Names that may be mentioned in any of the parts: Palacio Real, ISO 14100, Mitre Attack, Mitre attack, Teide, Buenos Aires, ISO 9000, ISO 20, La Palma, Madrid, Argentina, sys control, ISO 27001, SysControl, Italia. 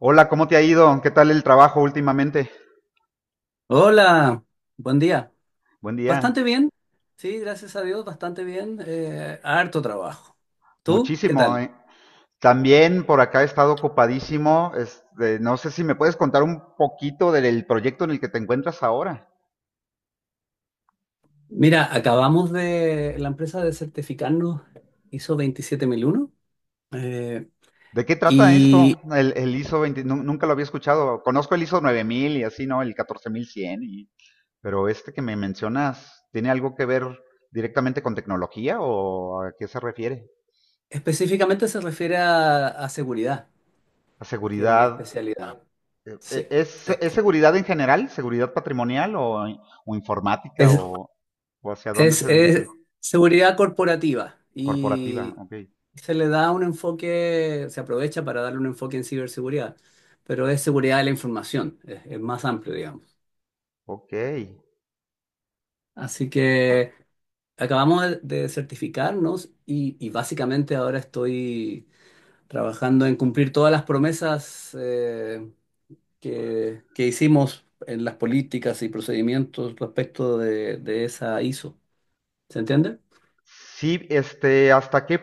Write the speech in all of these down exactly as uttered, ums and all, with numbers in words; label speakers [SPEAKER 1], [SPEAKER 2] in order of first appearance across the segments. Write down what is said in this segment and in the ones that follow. [SPEAKER 1] Hola, ¿cómo te ha ido? ¿Qué tal el trabajo últimamente?
[SPEAKER 2] Hola, buen día.
[SPEAKER 1] Buen día.
[SPEAKER 2] Bastante bien, sí, gracias a Dios, bastante bien. Eh, harto trabajo. ¿Tú qué
[SPEAKER 1] Muchísimo,
[SPEAKER 2] tal?
[SPEAKER 1] ¿eh? También por acá he estado ocupadísimo. Este, no sé si me puedes contar un poquito del proyecto en el que te encuentras ahora.
[SPEAKER 2] Mira, acabamos de, la empresa de certificarnos ISO veintisiete mil uno eh,
[SPEAKER 1] ¿De qué trata
[SPEAKER 2] y
[SPEAKER 1] esto? El, el I S O veinte, nu- nunca lo había escuchado. Conozco el I S O nueve mil y así, ¿no? El catorce mil cien. Y- pero este que me mencionas, ¿tiene algo que ver directamente con tecnología o a qué se refiere?
[SPEAKER 2] específicamente se refiere a, a seguridad,
[SPEAKER 1] ¿A
[SPEAKER 2] que es mi
[SPEAKER 1] seguridad?
[SPEAKER 2] especialidad.
[SPEAKER 1] ¿E-,
[SPEAKER 2] Sí.
[SPEAKER 1] ¿Es,
[SPEAKER 2] Eh,
[SPEAKER 1] es seguridad en general? ¿Seguridad patrimonial o, o informática,
[SPEAKER 2] es,
[SPEAKER 1] o, o hacia dónde
[SPEAKER 2] es,
[SPEAKER 1] se
[SPEAKER 2] es
[SPEAKER 1] dirige?
[SPEAKER 2] seguridad corporativa
[SPEAKER 1] Corporativa,
[SPEAKER 2] y,
[SPEAKER 1] ok.
[SPEAKER 2] se le da un enfoque, se aprovecha para darle un enfoque en ciberseguridad, pero es seguridad de la información, es, es más amplio, digamos.
[SPEAKER 1] Ok.
[SPEAKER 2] Así que acabamos de de certificarnos y, y básicamente ahora estoy trabajando en cumplir todas las promesas eh, que, que hicimos en las políticas y procedimientos respecto de, de esa ISO. ¿Se entiende?
[SPEAKER 1] Sí, este, ¿hasta qué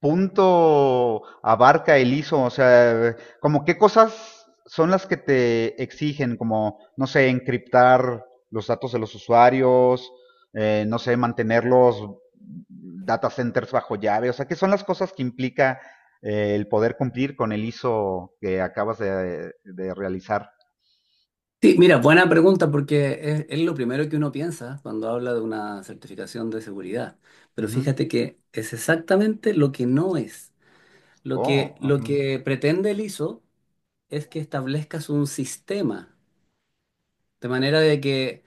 [SPEAKER 1] punto abarca el I S O? O sea, ¿como qué cosas son las que te exigen? Como, no sé, encriptar los datos de los usuarios, eh, no sé, mantener los data centers bajo llave. O sea, ¿qué son las cosas que implica eh, el poder cumplir con el I S O que acabas de de realizar?
[SPEAKER 2] Sí, mira, buena pregunta porque es, es lo primero que uno piensa cuando habla de una certificación de seguridad. Pero
[SPEAKER 1] Ujú.
[SPEAKER 2] fíjate que es exactamente lo que no es. Lo que,
[SPEAKER 1] Oh,
[SPEAKER 2] lo
[SPEAKER 1] ujú.
[SPEAKER 2] que pretende el ISO es que establezcas un sistema, de manera de que,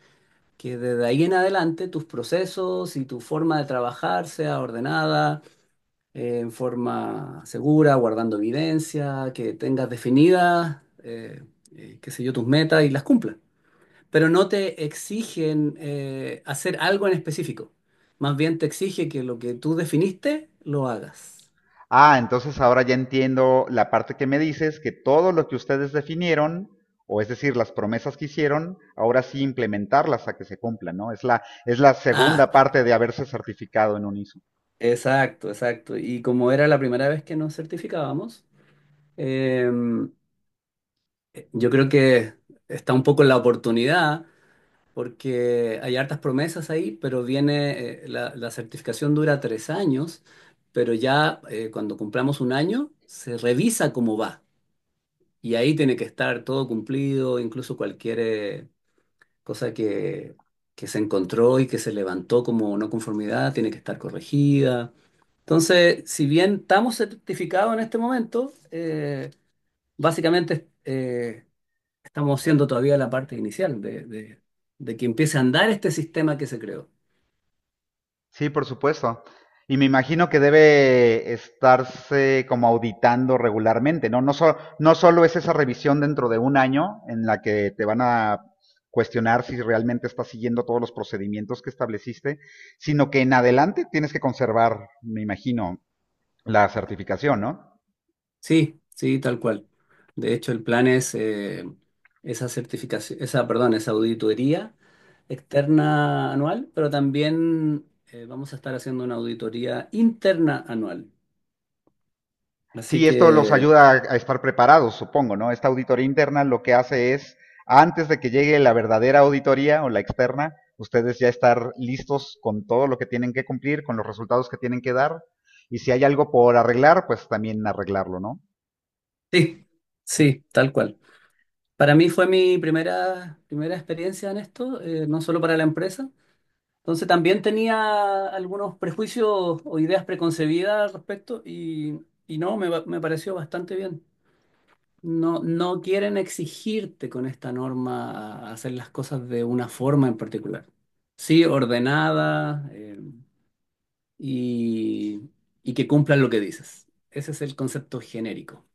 [SPEAKER 2] que desde ahí en adelante tus procesos y tu forma de trabajar sea ordenada, eh, en forma segura, guardando evidencia, que tengas definidas, eh, eh, qué sé yo, tus metas y las cumplas, pero no te exigen eh, hacer algo en específico. Más bien te exige que lo que tú definiste lo hagas.
[SPEAKER 1] Ah, entonces ahora ya entiendo la parte que me dices, que todo lo que ustedes definieron, o es decir, las promesas que hicieron, ahora sí implementarlas a que se cumplan, ¿no? Es la, es la
[SPEAKER 2] Ah,
[SPEAKER 1] segunda parte de haberse certificado en un I S O.
[SPEAKER 2] exacto, exacto. Y como era la primera vez que nos certificábamos, eh, yo creo que está un poco en la oportunidad, porque hay hartas promesas ahí, pero viene, eh, la, la certificación dura tres años, pero ya eh, cuando cumplamos un año, se revisa cómo va. Y ahí tiene que estar todo cumplido, incluso cualquier... eh, cosa que, que se encontró y que se levantó como no conformidad, tiene que estar corregida. Entonces, si bien estamos certificados en este momento, eh, básicamente eh, estamos siendo todavía la parte inicial de, de- de que empiece a andar este sistema que se creó.
[SPEAKER 1] Sí, por supuesto. Y me imagino que debe estarse como auditando regularmente, ¿no? No, so- no solo es esa revisión dentro de un año en la que te van a cuestionar si realmente estás siguiendo todos los procedimientos que estableciste, sino que en adelante tienes que conservar, me imagino, la certificación, ¿no?
[SPEAKER 2] Sí, sí, tal cual. De hecho, el plan es eh, esa certificación, esa, perdón, esa auditoría externa anual, pero también eh, vamos a estar haciendo una auditoría interna anual. Así
[SPEAKER 1] Sí, esto los
[SPEAKER 2] que
[SPEAKER 1] ayuda a estar preparados, supongo, ¿no? Esta auditoría interna lo que hace es, antes de que llegue la verdadera auditoría o la externa, ustedes ya estar listos con todo lo que tienen que cumplir, con los resultados que tienen que dar, y si hay algo por arreglar, pues también arreglarlo, ¿no?
[SPEAKER 2] sí, sí, tal cual. Para mí fue mi primera, primera experiencia en esto, eh, no solo para la empresa. Entonces también tenía algunos prejuicios o ideas preconcebidas al respecto y, y no, me, va- me pareció bastante bien. No, no quieren exigirte con esta norma a hacer las cosas de una forma en particular. Sí, ordenada, eh, y, y que cumplan lo que dices. Ese es el concepto genérico.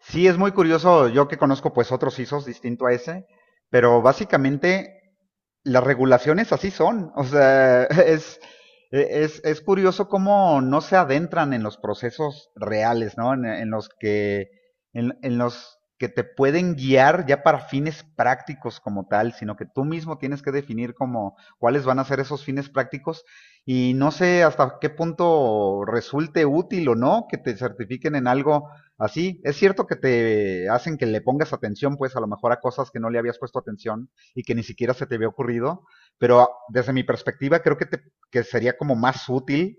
[SPEAKER 1] Sí, es muy curioso. Yo que conozco pues otros I S Os distinto a ese, pero básicamente las regulaciones así son. O sea, es, es, es curioso cómo no se adentran en los procesos reales, ¿no? En, en los que, en, en, los que te pueden guiar ya para fines prácticos como tal, sino que tú mismo tienes que definir como cuáles van a ser esos fines prácticos, y no sé hasta qué punto resulte útil o no que te certifiquen en algo así. Es cierto que te hacen que le pongas atención pues a lo mejor a cosas que no le habías puesto atención, y que ni siquiera se te había ocurrido, pero desde mi perspectiva creo que, te, que sería como más útil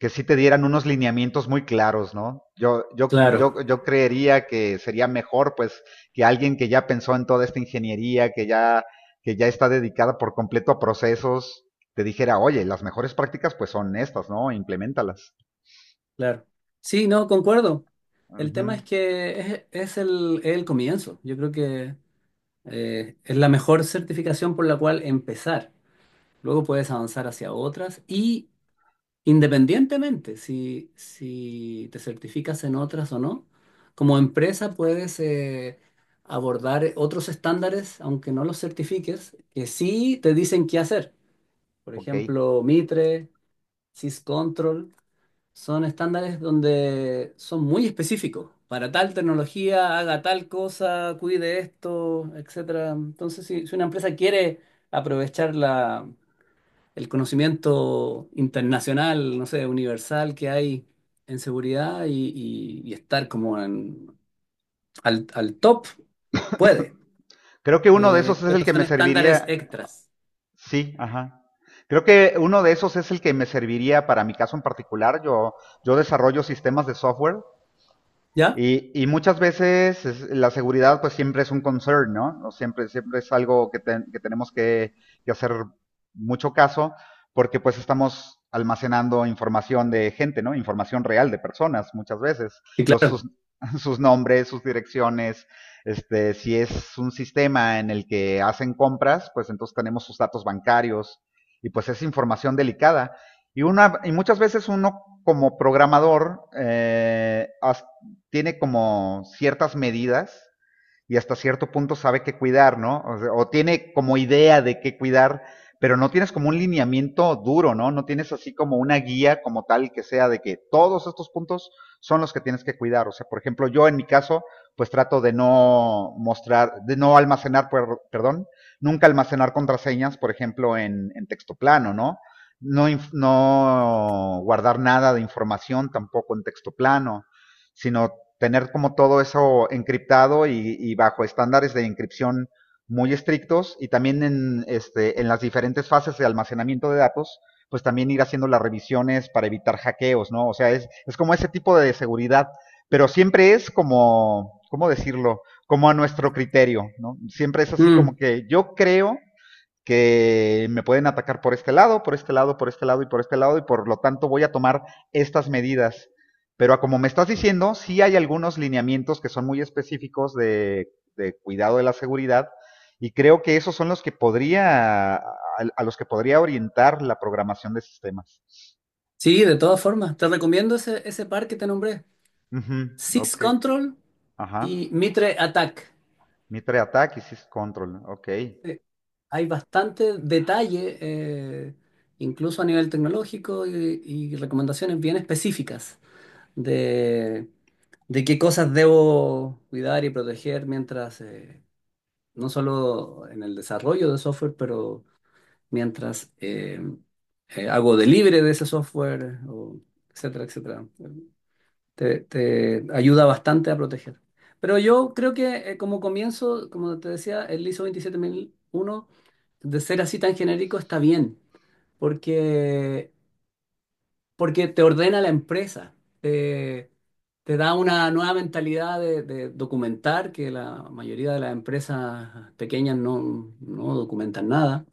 [SPEAKER 1] que si sí te dieran unos lineamientos muy claros, ¿no? Yo, yo, yo,
[SPEAKER 2] Claro,
[SPEAKER 1] yo creería que sería mejor, pues, que alguien que ya pensó en toda esta ingeniería, que ya, que ya está dedicada por completo a procesos, te dijera, oye, las mejores prácticas pues son estas, ¿no? Implementalas.
[SPEAKER 2] claro. Sí, no, concuerdo.
[SPEAKER 1] Uh
[SPEAKER 2] El tema
[SPEAKER 1] -huh.
[SPEAKER 2] es que es, es el, es el comienzo. Yo creo que eh, es la mejor certificación por la cual empezar. Luego puedes avanzar hacia otras y independientemente si, si te certificas en otras o no, como empresa puedes eh, abordar otros estándares, aunque no los certifiques, que sí te dicen qué hacer. Por
[SPEAKER 1] Ok.
[SPEAKER 2] ejemplo, Mitre, SysControl. Son estándares donde son muy específicos. Para tal tecnología, haga tal cosa, cuide esto, etcétera. Entonces, si, si una empresa quiere aprovechar la, el conocimiento internacional, no sé, universal que hay en seguridad y, y- y estar como en- al, al top, puede.
[SPEAKER 1] Creo que uno de esos
[SPEAKER 2] Eh,
[SPEAKER 1] es el
[SPEAKER 2] pero
[SPEAKER 1] que
[SPEAKER 2] son
[SPEAKER 1] me
[SPEAKER 2] estándares
[SPEAKER 1] serviría.
[SPEAKER 2] extras.
[SPEAKER 1] Sí, ajá. Creo que uno de esos es el que me serviría para mi caso en particular. Yo, yo desarrollo sistemas de software
[SPEAKER 2] ¿Ya?
[SPEAKER 1] y, y muchas veces es- la seguridad pues siempre es un concern, ¿no? O siempre, siempre es algo que, ten- que tenemos que que hacer mucho caso, porque pues estamos almacenando información de gente, ¿no? Información real de personas muchas veces.
[SPEAKER 2] Sí,
[SPEAKER 1] Los,
[SPEAKER 2] claro.
[SPEAKER 1] sus, sus nombres, sus direcciones, este, si es un sistema en el que hacen compras, pues entonces tenemos sus datos bancarios, y pues es información delicada. Y, una, y muchas veces uno como programador eh, as- tiene como ciertas medidas, y hasta cierto punto sabe qué cuidar, ¿no? O sea, o tiene como idea de qué cuidar, pero no tienes como un lineamiento duro, ¿no? No tienes así como una guía como tal que sea de que todos estos puntos son los que tienes que cuidar. O sea, por ejemplo, yo en mi caso, pues trato de no mostrar, de no almacenar, perdón, nunca almacenar contraseñas, por ejemplo, en, en texto plano, ¿no? ¿No? No guardar nada de información tampoco en texto plano, sino tener como todo eso encriptado, y, y bajo estándares de encripción muy estrictos. Y también en, este, en las diferentes fases de almacenamiento de datos, pues también ir haciendo las revisiones para evitar hackeos, ¿no? O sea, es, es como ese tipo de seguridad, pero siempre es como, ¿cómo decirlo? Como a nuestro criterio, ¿no? Siempre es así como
[SPEAKER 2] Mm.
[SPEAKER 1] que yo creo que me pueden atacar por este lado, por este lado, por este lado y por este lado, y por lo tanto voy a tomar estas medidas. Pero como me estás diciendo, sí hay algunos lineamientos que son muy específicos de de cuidado de la seguridad, y creo que esos son los que podría, a, a los que podría orientar la programación de sistemas.
[SPEAKER 2] Sí, de todas formas. Te recomiendo ese, ese par que te nombré.
[SPEAKER 1] Uh -huh, ok,
[SPEAKER 2] SysControl.
[SPEAKER 1] ajá.
[SPEAKER 2] Y Mitre Attack.
[SPEAKER 1] Mitre attack y sys control, ok.
[SPEAKER 2] Eh, Hay bastante detalle, eh, incluso a nivel tecnológico, y, y recomendaciones bien específicas de, de qué cosas debo cuidar y proteger mientras, eh, no solo en el desarrollo de software, pero mientras eh, eh, hago delivery de ese software, o etcétera, etcétera. te, te ayuda bastante a proteger. Pero yo creo que eh, como comienzo, como te decía, el ISO veintisiete mil uno de ser así tan genérico, está bien, porque, porque te ordena la empresa, te, te da una nueva mentalidad de, de documentar, que la mayoría de las empresas pequeñas no, no documentan nada,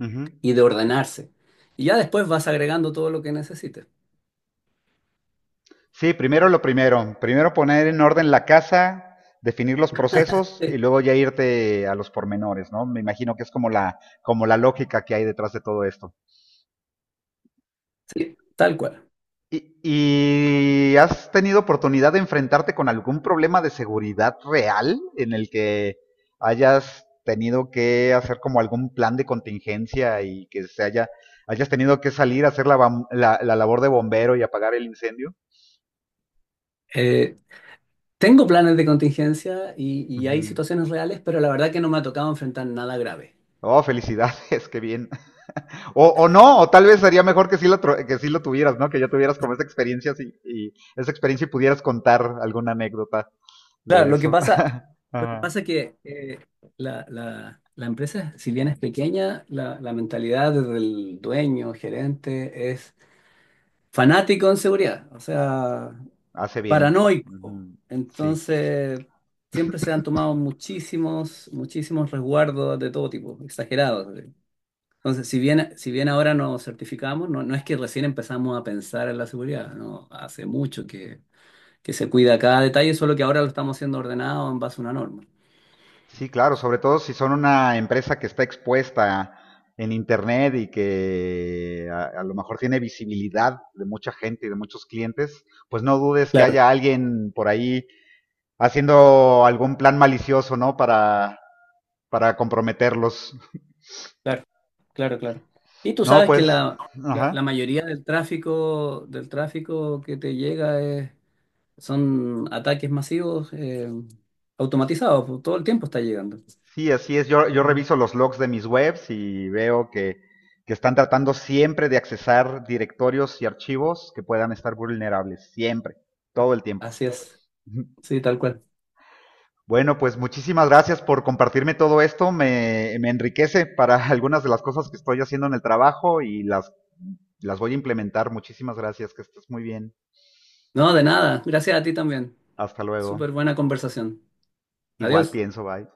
[SPEAKER 1] Uh -huh.
[SPEAKER 2] y de ordenarse. Y ya después vas agregando todo lo que necesites.
[SPEAKER 1] Sí, primero lo primero. Primero poner en orden la casa, definir los procesos
[SPEAKER 2] Sí,
[SPEAKER 1] y luego ya irte a los pormenores, ¿no? Me imagino que es como la, como la lógica que hay detrás de todo esto.
[SPEAKER 2] sí, tal cual.
[SPEAKER 1] ¿Y, y has tenido oportunidad de enfrentarte con algún problema de seguridad real en el que hayas tenido que hacer como algún plan de contingencia, y que se haya, hayas tenido que salir a hacer la, bam- la- la labor de bombero y apagar el incendio?
[SPEAKER 2] Eh, Tengo planes de contingencia y, y hay
[SPEAKER 1] Ujú.
[SPEAKER 2] situaciones reales, pero la verdad que no me ha tocado enfrentar nada grave.
[SPEAKER 1] Oh, felicidades, qué bien. O, o no, o tal vez sería mejor que sí, lo, que sí lo tuvieras, ¿no? Que ya tuvieras como esa experiencia así, y esa experiencia, y pudieras contar alguna anécdota
[SPEAKER 2] Claro,
[SPEAKER 1] de
[SPEAKER 2] lo que
[SPEAKER 1] eso.
[SPEAKER 2] pasa, lo que
[SPEAKER 1] Ajá.
[SPEAKER 2] pasa que eh, la, la- la empresa, si bien es pequeña, la, la mentalidad del dueño, gerente, es fanático en seguridad, o sea,
[SPEAKER 1] Hace bien.
[SPEAKER 2] paranoico.
[SPEAKER 1] Ujú. Sí.
[SPEAKER 2] Entonces, siempre se han tomado muchísimos, muchísimos resguardos de todo tipo, exagerados. Entonces, si bien, si bien ahora nos certificamos, no, no es que recién empezamos a pensar en la seguridad, no, hace mucho que, que se cuida cada detalle, solo que ahora lo estamos haciendo ordenado en base a una norma.
[SPEAKER 1] Sí, claro, sobre todo si son una empresa que está expuesta en internet y que a, a lo mejor tiene visibilidad de mucha gente y de muchos clientes, pues no dudes que
[SPEAKER 2] Claro,
[SPEAKER 1] haya alguien por ahí haciendo algún plan malicioso, ¿no? Para para comprometerlos.
[SPEAKER 2] claro, claro, claro. Y tú
[SPEAKER 1] No,
[SPEAKER 2] sabes que
[SPEAKER 1] pues,
[SPEAKER 2] la, la, la
[SPEAKER 1] ajá.
[SPEAKER 2] mayoría del tráfico, del tráfico que te llega es- son ataques masivos eh, automatizados, pues, todo el tiempo está llegando.
[SPEAKER 1] Sí, así es. Yo, yo
[SPEAKER 2] Pero-
[SPEAKER 1] reviso los logs de mis webs y veo que, que están tratando siempre de accesar directorios y archivos que puedan estar vulnerables, siempre, todo el tiempo.
[SPEAKER 2] Así es, sí, tal cual.
[SPEAKER 1] Bueno, pues muchísimas gracias por compartirme todo esto. Me, me enriquece para algunas de las cosas que estoy haciendo en el trabajo, y las, las voy a implementar. Muchísimas gracias, que estés muy bien.
[SPEAKER 2] No, de nada, gracias a ti también.
[SPEAKER 1] Hasta luego.
[SPEAKER 2] Súper buena conversación.
[SPEAKER 1] Igual
[SPEAKER 2] Adiós.
[SPEAKER 1] pienso, bye.